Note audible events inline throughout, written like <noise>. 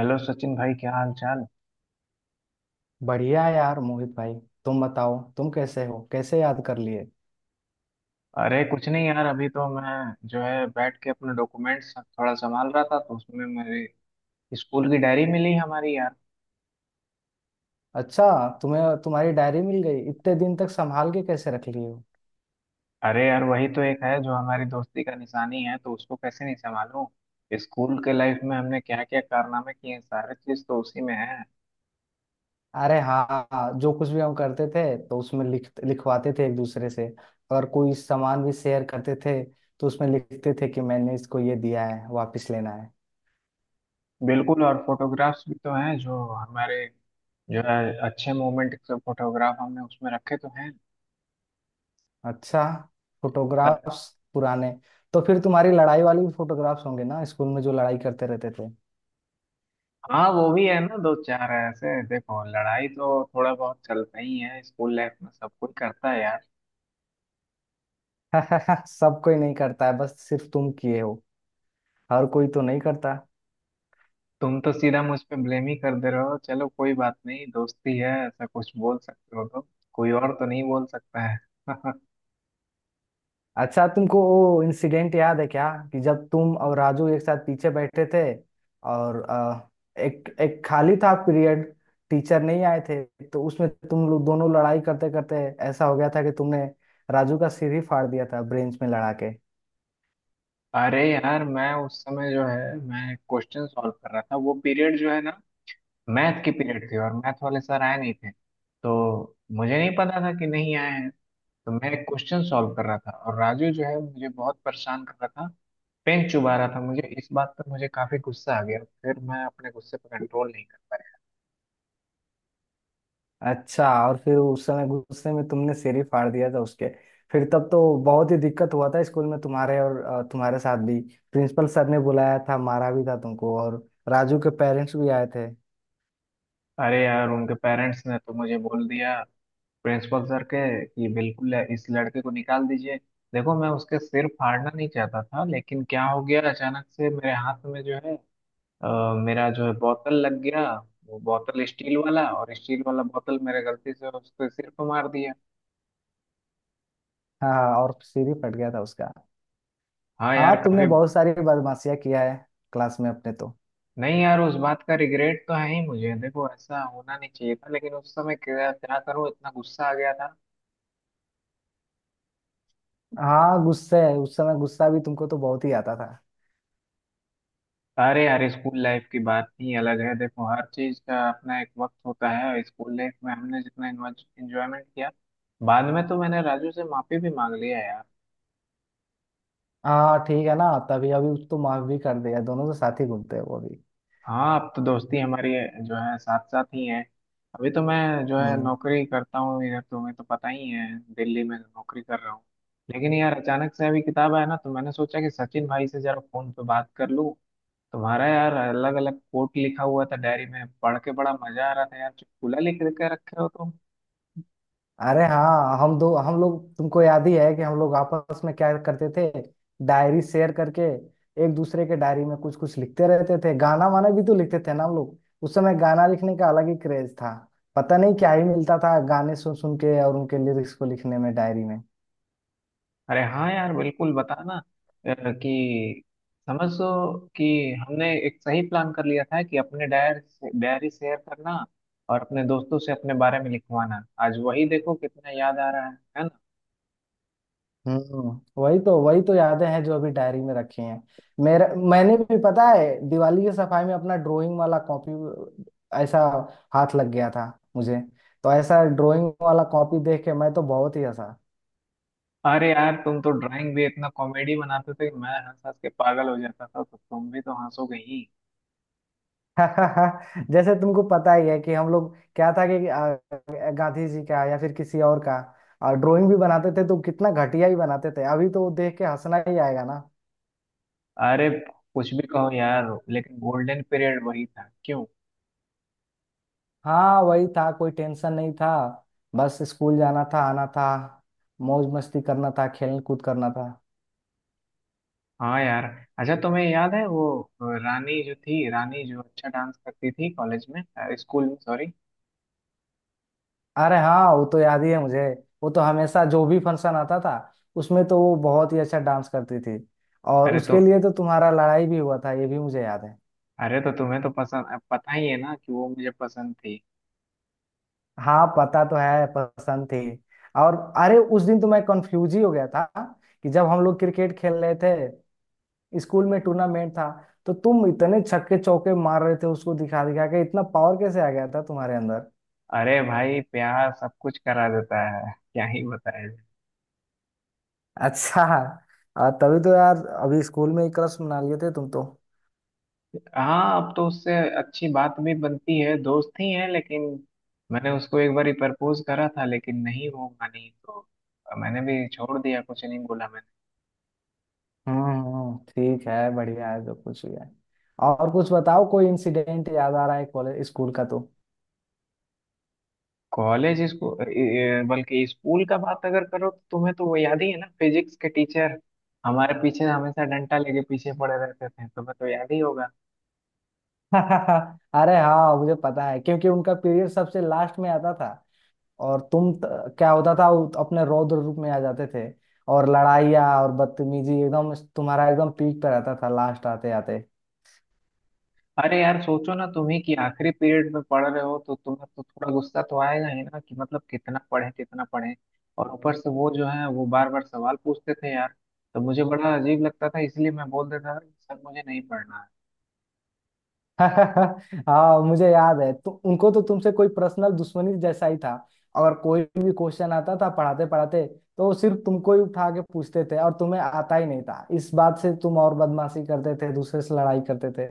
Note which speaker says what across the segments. Speaker 1: Hello Sachin भाई क्या हाल चाल।
Speaker 2: बढ़िया है यार मोहित भाई। तुम बताओ तुम कैसे हो, कैसे याद कर लिए।
Speaker 1: अरे कुछ नहीं यार अभी तो मैं जो है बैठ के अपने डॉक्यूमेंट्स थोड़ा संभाल रहा था तो उसमें मेरी स्कूल की डायरी मिली हमारी यार।
Speaker 2: अच्छा, तुम्हें तुम्हारी डायरी मिल गई। इतने दिन तक संभाल के कैसे रख लिए हो।
Speaker 1: अरे यार वही तो एक है जो हमारी दोस्ती का निशानी है तो उसको कैसे नहीं संभालूं। स्कूल के लाइफ में हमने क्या क्या कारनामे किए हैं सारे चीज तो उसी में है।
Speaker 2: अरे हाँ, जो कुछ भी हम करते थे तो उसमें लिख लिखवाते थे एक दूसरे से। अगर कोई सामान भी शेयर करते थे तो उसमें लिखते थे कि मैंने इसको ये दिया है, वापस लेना है।
Speaker 1: बिल्कुल और फोटोग्राफ्स भी तो हैं जो हमारे जो है अच्छे मोमेंट के फोटोग्राफ हमने उसमें रखे तो हैं।
Speaker 2: अच्छा, फोटोग्राफ्स पुराने। तो फिर तुम्हारी लड़ाई वाली भी फोटोग्राफ्स होंगे ना, स्कूल में जो लड़ाई करते रहते थे।
Speaker 1: हाँ वो भी है ना दो चार ऐसे। देखो लड़ाई तो थोड़ा बहुत चलता ही है स्कूल लाइफ में सब कोई करता है यार।
Speaker 2: <laughs> सब कोई नहीं करता है, बस सिर्फ तुम किए हो। हर कोई तो नहीं करता।
Speaker 1: तुम तो सीधा मुझ पे ब्लेम ही कर दे रहे हो। चलो कोई बात नहीं दोस्ती है ऐसा कुछ बोल सकते हो तो कोई और तो नहीं बोल सकता है। <laughs>
Speaker 2: अच्छा, तुमको वो इंसिडेंट याद है क्या कि जब तुम और राजू एक साथ पीछे बैठे थे। और अ, एक एक खाली था पीरियड, टीचर नहीं आए थे। तो उसमें तुम लोग दोनों लड़ाई करते करते ऐसा हो गया था कि तुमने राजू का सिर ही फाड़ दिया था ब्रेंच में लड़ा के।
Speaker 1: अरे यार मैं उस समय जो है मैं क्वेश्चन सॉल्व कर रहा था वो पीरियड जो है ना मैथ की पीरियड थी और मैथ वाले सर आए नहीं थे। तो मुझे नहीं पता था कि नहीं आए हैं। तो मैं क्वेश्चन सॉल्व कर रहा था और राजू जो है मुझे बहुत परेशान कर रहा था पेन चुबा रहा था मुझे इस बात पर मुझे काफी गुस्सा आ गया फिर मैं अपने गुस्से पर कंट्रोल नहीं कर पाया।
Speaker 2: अच्छा, और फिर उस समय गुस्से में तुमने सिर ही फाड़ दिया था उसके। फिर तब तो बहुत ही दिक्कत हुआ था स्कूल में तुम्हारे और तुम्हारे साथ भी। प्रिंसिपल सर ने बुलाया था, मारा भी था तुमको, और राजू के पेरेंट्स भी आए थे।
Speaker 1: अरे यार उनके पेरेंट्स ने तो मुझे बोल दिया प्रिंसिपल सर के कि बिल्कुल इस लड़के को निकाल दीजिए। देखो मैं उसके सिर फाड़ना नहीं चाहता था लेकिन क्या हो गया अचानक से मेरे हाथ में जो है मेरा जो है बोतल लग गया। वो बोतल स्टील वाला और स्टील वाला बोतल मेरे गलती से उसके सिर पर मार दिया।
Speaker 2: हाँ हाँ, और सिर ही फट गया था उसका।
Speaker 1: हाँ
Speaker 2: हाँ,
Speaker 1: यार
Speaker 2: तुमने
Speaker 1: काफी।
Speaker 2: बहुत सारी बदमाशियां किया है क्लास में अपने तो।
Speaker 1: नहीं यार उस बात का रिग्रेट तो है ही मुझे। देखो ऐसा होना नहीं चाहिए था लेकिन उस समय क्या क्या करूं इतना गुस्सा आ गया था।
Speaker 2: हाँ गुस्से है, उस समय गुस्सा भी तुमको तो बहुत ही आता था।
Speaker 1: अरे यार स्कूल लाइफ की बात ही अलग है। देखो हर चीज का अपना एक वक्त होता है और स्कूल लाइफ में हमने जितना एंजॉयमेंट किया। बाद में तो मैंने राजू से माफी भी मांग लिया यार।
Speaker 2: हाँ ठीक है ना, तभी अभी उसको माफ भी कर दिया, दोनों तो साथ ही घूमते हैं वो भी।
Speaker 1: हाँ अब तो दोस्ती हमारी जो है साथ साथ ही है। अभी तो मैं जो है
Speaker 2: हम्म।
Speaker 1: नौकरी करता हूँ इधर। तो तुम्हें तो पता ही है दिल्ली में नौकरी कर रहा हूँ। लेकिन यार अचानक से अभी किताब आया ना तो मैंने सोचा कि सचिन भाई से जरा फोन पे बात कर लूँ। तुम्हारा यार अलग अलग कोट लिखा हुआ था डायरी में पढ़ के बड़ा मजा आ रहा था यार। चुटकुला लिख के रखे हो तुम।
Speaker 2: अरे हाँ, हम दो हम लोग तुमको याद ही है कि हम लोग आपस में क्या करते थे, डायरी शेयर करके। एक दूसरे के डायरी में कुछ कुछ लिखते रहते थे, गाना वाना भी तो लिखते थे ना हम लोग। उस समय गाना लिखने का अलग ही क्रेज था। पता नहीं क्या ही मिलता था गाने सुन सुन के और उनके लिरिक्स को लिखने में डायरी में।
Speaker 1: अरे हाँ यार बिल्कुल बताना अ, कि समझो कि हमने एक सही प्लान कर लिया था कि अपने डायर से डायरी शेयर करना। और अपने दोस्तों से अपने बारे में लिखवाना आज वही देखो कितना याद आ रहा है ना।
Speaker 2: हम्म, वही तो यादें हैं जो अभी डायरी में रखी हैं। मेरा, मैंने भी पता है, दिवाली की सफाई में अपना ड्राइंग वाला कॉपी ऐसा हाथ लग गया था मुझे। तो ऐसा ड्राइंग वाला कॉपी देख के मैं तो बहुत ही हंसा।
Speaker 1: अरे यार तुम तो ड्राइंग भी इतना कॉमेडी बनाते थे कि मैं हंस हंस के पागल हो जाता था तो तुम भी तो हंसोगे ही।
Speaker 2: <laughs> जैसे तुमको पता ही है कि हम लोग, क्या था कि गांधी जी का या फिर किसी और का ड्राइंग भी बनाते थे, तो कितना घटिया ही बनाते थे। अभी तो वो देख के हंसना ही आएगा ना।
Speaker 1: अरे कुछ भी कहो यार लेकिन गोल्डन पीरियड वही था क्यों।
Speaker 2: हाँ वही था, कोई टेंशन नहीं था। बस स्कूल जाना था, आना था, मौज मस्ती करना था, खेल कूद करना था।
Speaker 1: हाँ यार। अच्छा तुम्हें याद है वो रानी जो अच्छा डांस करती थी कॉलेज में स्कूल में सॉरी।
Speaker 2: अरे हाँ, वो तो याद ही है मुझे। वो तो हमेशा जो भी फंक्शन आता था उसमें तो वो बहुत ही अच्छा डांस करती थी। और
Speaker 1: अरे तो
Speaker 2: उसके लिए तो तुम्हारा लड़ाई भी हुआ था, ये भी मुझे याद है।
Speaker 1: अरे तो तुम्हें तो पता ही है ना कि वो मुझे पसंद थी।
Speaker 2: हाँ, पता तो है पसंद थी। और अरे, उस दिन तो मैं कंफ्यूज ही हो गया था कि जब हम लोग क्रिकेट खेल रहे थे स्कूल में, टूर्नामेंट था, तो तुम इतने छक्के चौके मार रहे थे उसको दिखा दिखा के। इतना पावर कैसे आ गया था तुम्हारे अंदर।
Speaker 1: अरे भाई प्यार सब कुछ करा देता है क्या ही बताया जाए।
Speaker 2: अच्छा, तभी तो यार अभी स्कूल में ही क्रश मना लिए थे तुम तो।
Speaker 1: हाँ अब तो उससे अच्छी बात भी बनती है दोस्त ही है लेकिन मैंने उसको एक बार प्रपोज करा था लेकिन नहीं वो मानी तो मैंने भी छोड़ दिया कुछ नहीं बोला।
Speaker 2: ठीक है, बढ़िया है जो कुछ भी है। और कुछ बताओ, कोई इंसिडेंट याद आ रहा है कॉलेज स्कूल का तो।
Speaker 1: कॉलेज इसको बल्कि स्कूल का बात अगर करो तो तुम्हें तो वो याद ही है ना फिजिक्स के टीचर हमारे पीछे हमेशा डंडा लेके पीछे पड़े रहते थे तुम्हें तो याद ही होगा।
Speaker 2: <laughs> अरे हाँ, मुझे पता है, क्योंकि उनका पीरियड सबसे लास्ट में आता था। और तुम त, क्या होता था वो अपने रौद्र रूप में आ जाते थे। और लड़ाइया और बदतमीजी एकदम तुम्हारा एकदम पीक पे रहता था लास्ट आते आते।
Speaker 1: अरे यार सोचो ना तुम्ही कि आखिरी पीरियड में पढ़ रहे हो तो तुम्हें तो थोड़ा गुस्सा तो आएगा ही ना कि मतलब कितना पढ़े कितना पढ़े। और ऊपर से वो जो है वो बार बार सवाल पूछते थे यार। तो मुझे बड़ा अजीब लगता था इसलिए मैं बोल देता था कि सर मुझे नहीं पढ़ना।
Speaker 2: <laughs> हाँ मुझे याद है, तो उनको तो तुमसे कोई पर्सनल दुश्मनी जैसा ही था। और कोई भी क्वेश्चन आता था पढ़ाते पढ़ाते तो वो सिर्फ तुमको ही उठा के पूछते थे, और तुम्हें आता ही नहीं था। इस बात से तुम और बदमाशी करते थे, दूसरे से लड़ाई करते थे।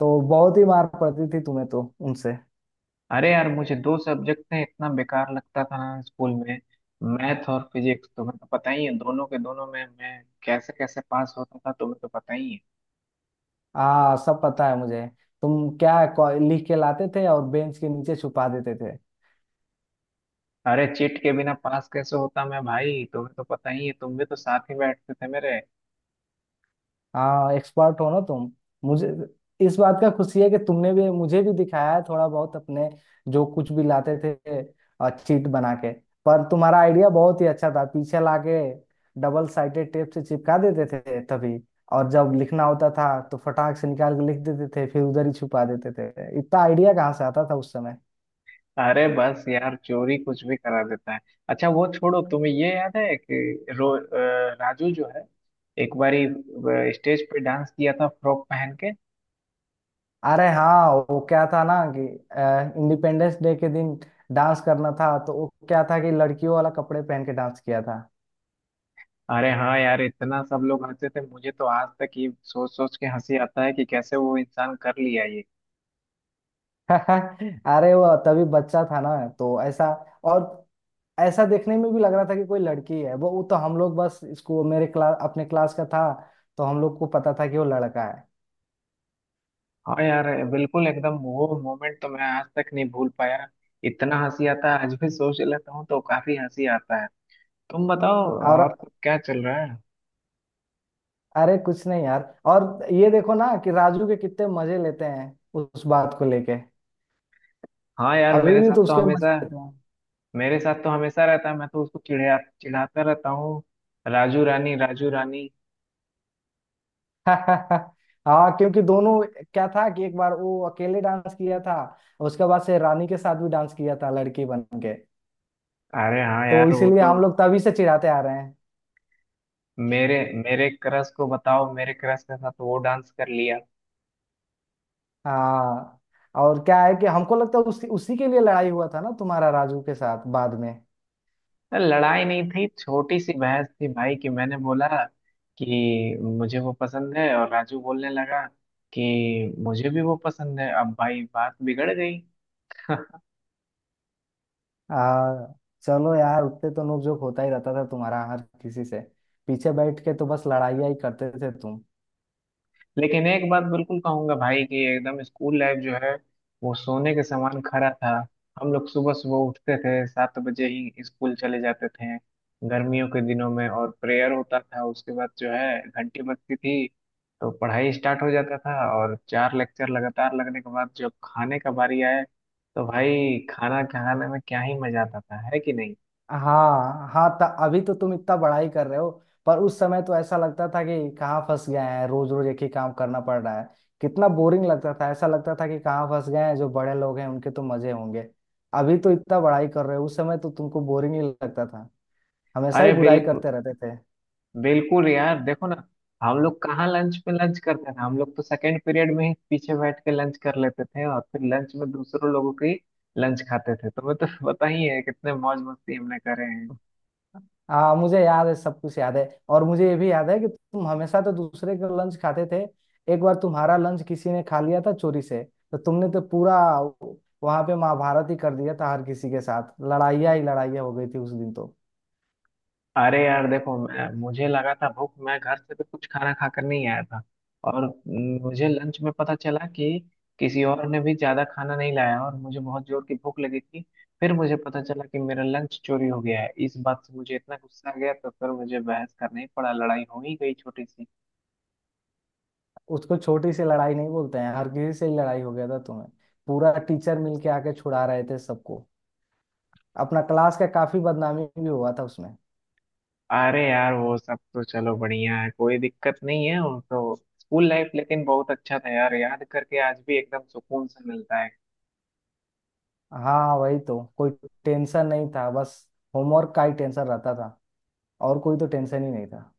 Speaker 2: तो बहुत ही मार पड़ती थी तुम्हें तो उनसे।
Speaker 1: अरे यार मुझे दो सब्जेक्ट में इतना बेकार लगता था ना स्कूल में। मैथ और फिजिक्स तुम्हें तो पता ही है दोनों के दोनों में मैं कैसे कैसे पास होता था तुम्हें तो पता ही है।
Speaker 2: हाँ सब पता है मुझे। तुम लिख के लाते थे और बेंच के नीचे छुपा देते थे।
Speaker 1: अरे चिट के बिना पास कैसे होता मैं भाई तुम्हें तो पता ही है तुम भी तो साथ ही बैठते थे मेरे।
Speaker 2: हाँ, एक्सपर्ट हो ना तुम। मुझे इस बात का खुशी है कि तुमने भी मुझे भी दिखाया है थोड़ा बहुत अपने, जो कुछ भी लाते थे और चीट बना के। पर तुम्हारा आइडिया बहुत ही अच्छा था, पीछे लाके डबल साइडेड टेप से चिपका देते थे तभी। और जब लिखना होता था तो फटाक से निकाल के लिख देते थे, फिर उधर ही छुपा देते थे। इतना आइडिया कहाँ से आता था उस समय।
Speaker 1: अरे बस यार चोरी कुछ भी करा देता है। अच्छा वो छोड़ो तुम्हें ये याद है कि राजू जो है एक बारी स्टेज पे डांस किया था फ्रॉक पहन के।
Speaker 2: अरे हाँ वो क्या था ना कि इंडिपेंडेंस डे के दिन डांस करना था, तो वो क्या था कि लड़कियों वाला कपड़े पहन के डांस किया था।
Speaker 1: अरे हाँ यार इतना सब लोग हंसे थे मुझे तो आज तक ये सोच सोच के हंसी आता है कि कैसे वो इंसान कर लिया ये।
Speaker 2: <laughs> अरे वो तभी बच्चा था ना, तो ऐसा। और ऐसा देखने में भी लग रहा था कि कोई लड़की है। वो तो हम लोग बस इसको मेरे क्लास, अपने क्लास का था तो हम लोग को पता था कि वो लड़का है।
Speaker 1: हाँ यार बिल्कुल एकदम वो मोमेंट तो मैं आज तक नहीं भूल पाया। इतना हंसी आता है आज भी सोच लेता हूँ तो काफी हंसी आता है। तुम बताओ
Speaker 2: और
Speaker 1: और सब क्या चल रहा है।
Speaker 2: अरे कुछ नहीं यार, और ये देखो ना कि राजू के कितने मजे लेते हैं उस बात को लेके।
Speaker 1: हाँ यार
Speaker 2: अभी
Speaker 1: मेरे
Speaker 2: भी
Speaker 1: साथ
Speaker 2: तो
Speaker 1: तो
Speaker 2: उसके
Speaker 1: हमेशा
Speaker 2: मजे लेते।
Speaker 1: मेरे साथ तो हमेशा रहता है मैं तो उसको चिढ़ा चिढ़ाता रहता हूँ राजू रानी राजू रानी।
Speaker 2: <laughs> हाँ क्योंकि दोनों, क्या था कि एक बार वो अकेले डांस किया था, उसके बाद से रानी के साथ भी डांस किया था लड़की बन के।
Speaker 1: अरे हाँ
Speaker 2: तो
Speaker 1: यार वो
Speaker 2: इसीलिए
Speaker 1: तो
Speaker 2: हम लोग तभी से चिढ़ाते आ रहे हैं।
Speaker 1: मेरे मेरे क्रश को बताओ मेरे क्रश के साथ वो डांस कर लिया।
Speaker 2: हाँ, और क्या है कि हमको लगता है उसी उसी के लिए लड़ाई हुआ था ना तुम्हारा राजू के साथ बाद में।
Speaker 1: लड़ाई नहीं थी छोटी सी बहस थी भाई कि मैंने बोला कि मुझे वो पसंद है और राजू बोलने लगा कि मुझे भी वो पसंद है अब भाई बात बिगड़ गई। <laughs>
Speaker 2: आ, चलो यार, उतने तो नोकझोंक होता ही रहता था तुम्हारा हर किसी से। पीछे बैठ के तो बस लड़ाइयाँ ही करते थे तुम।
Speaker 1: लेकिन एक बात बिल्कुल कहूंगा भाई कि एकदम स्कूल लाइफ जो है वो सोने के समान खरा था। हम लोग सुबह सुबह उठते थे 7 बजे ही स्कूल चले जाते थे गर्मियों के दिनों में और प्रेयर होता था उसके बाद जो है घंटी बजती थी। तो पढ़ाई स्टार्ट हो जाता था और चार लेक्चर लगातार लगने के बाद जब खाने का बारी आए तो भाई खाना खाने में क्या ही मजा आता था है कि नहीं।
Speaker 2: हाँ हाँ त, अभी तो तुम इतना बड़ाई कर रहे हो, पर उस समय तो ऐसा लगता था कि कहाँ फंस गए हैं, रोज रोज एक ही काम करना पड़ रहा है। कितना बोरिंग लगता था, ऐसा लगता था कि कहाँ फंस गए हैं, जो बड़े लोग हैं उनके तो मजे होंगे। अभी तो इतना बड़ाई कर रहे हो, उस समय तो तुमको बोरिंग ही लगता था, हमेशा ही
Speaker 1: अरे
Speaker 2: बुराई
Speaker 1: बिल्कुल
Speaker 2: करते रहते थे।
Speaker 1: बिल्कुल यार देखो ना। हम लोग कहाँ लंच पे लंच करते थे। हम लोग तो सेकंड पीरियड में ही पीछे बैठ के लंच कर लेते थे और फिर लंच में दूसरों लोगों की लंच खाते थे तुम्हें तो <laughs> पता ही है कितने मौज मस्ती हमने करे हैं।
Speaker 2: हाँ मुझे याद है, सब कुछ याद है। और मुझे ये भी याद है कि तुम हमेशा तो दूसरे का लंच खाते थे। एक बार तुम्हारा लंच किसी ने खा लिया था चोरी से, तो तुमने तो पूरा वहां पे महाभारत ही कर दिया था। हर किसी के साथ लड़ाइयाँ ही लड़ाइयाँ हो गई थी उस दिन तो।
Speaker 1: अरे यार देखो मैं मुझे लगा था भूख मैं घर से तो कुछ खाना खाकर नहीं आया था। और मुझे लंच में पता चला कि किसी और ने भी ज्यादा खाना नहीं लाया और मुझे बहुत जोर की भूख लगी थी। फिर मुझे पता चला कि मेरा लंच चोरी हो गया है इस बात से मुझे इतना गुस्सा आ गया तो फिर मुझे बहस करना ही पड़ा लड़ाई हो ही गई छोटी सी।
Speaker 2: उसको छोटी सी लड़ाई नहीं बोलते हैं, हर किसी से ही लड़ाई हो गया था तुम्हें। पूरा टीचर मिलके आके छुड़ा रहे थे सबको। अपना क्लास का काफी बदनामी भी हुआ था उसमें।
Speaker 1: अरे यार वो सब तो चलो बढ़िया है कोई दिक्कत नहीं है वो तो। स्कूल लाइफ लेकिन बहुत अच्छा था यार याद करके आज भी एकदम सुकून सा मिलता है।
Speaker 2: हाँ वही तो, कोई टेंशन नहीं था, बस होमवर्क का ही टेंशन रहता था। और कोई तो टेंशन ही नहीं था।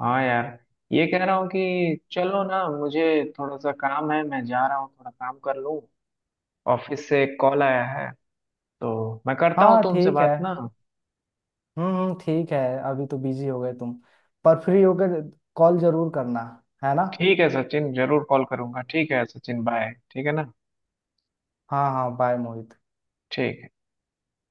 Speaker 1: हाँ यार। ये कह रहा हूँ कि चलो ना मुझे थोड़ा सा काम है मैं जा रहा हूँ थोड़ा काम कर लूँ। ऑफिस से एक कॉल आया है तो मैं करता हूँ
Speaker 2: हाँ
Speaker 1: तुमसे
Speaker 2: ठीक है।
Speaker 1: बात ना।
Speaker 2: ठीक है। अभी तो बिजी हो गए तुम, पर फ्री होकर कॉल जरूर करना, है ना।
Speaker 1: ठीक है सचिन जरूर कॉल करूंगा। ठीक है सचिन बाय ठीक है ना।
Speaker 2: हाँ हाँ, बाय मोहित।
Speaker 1: ठीक।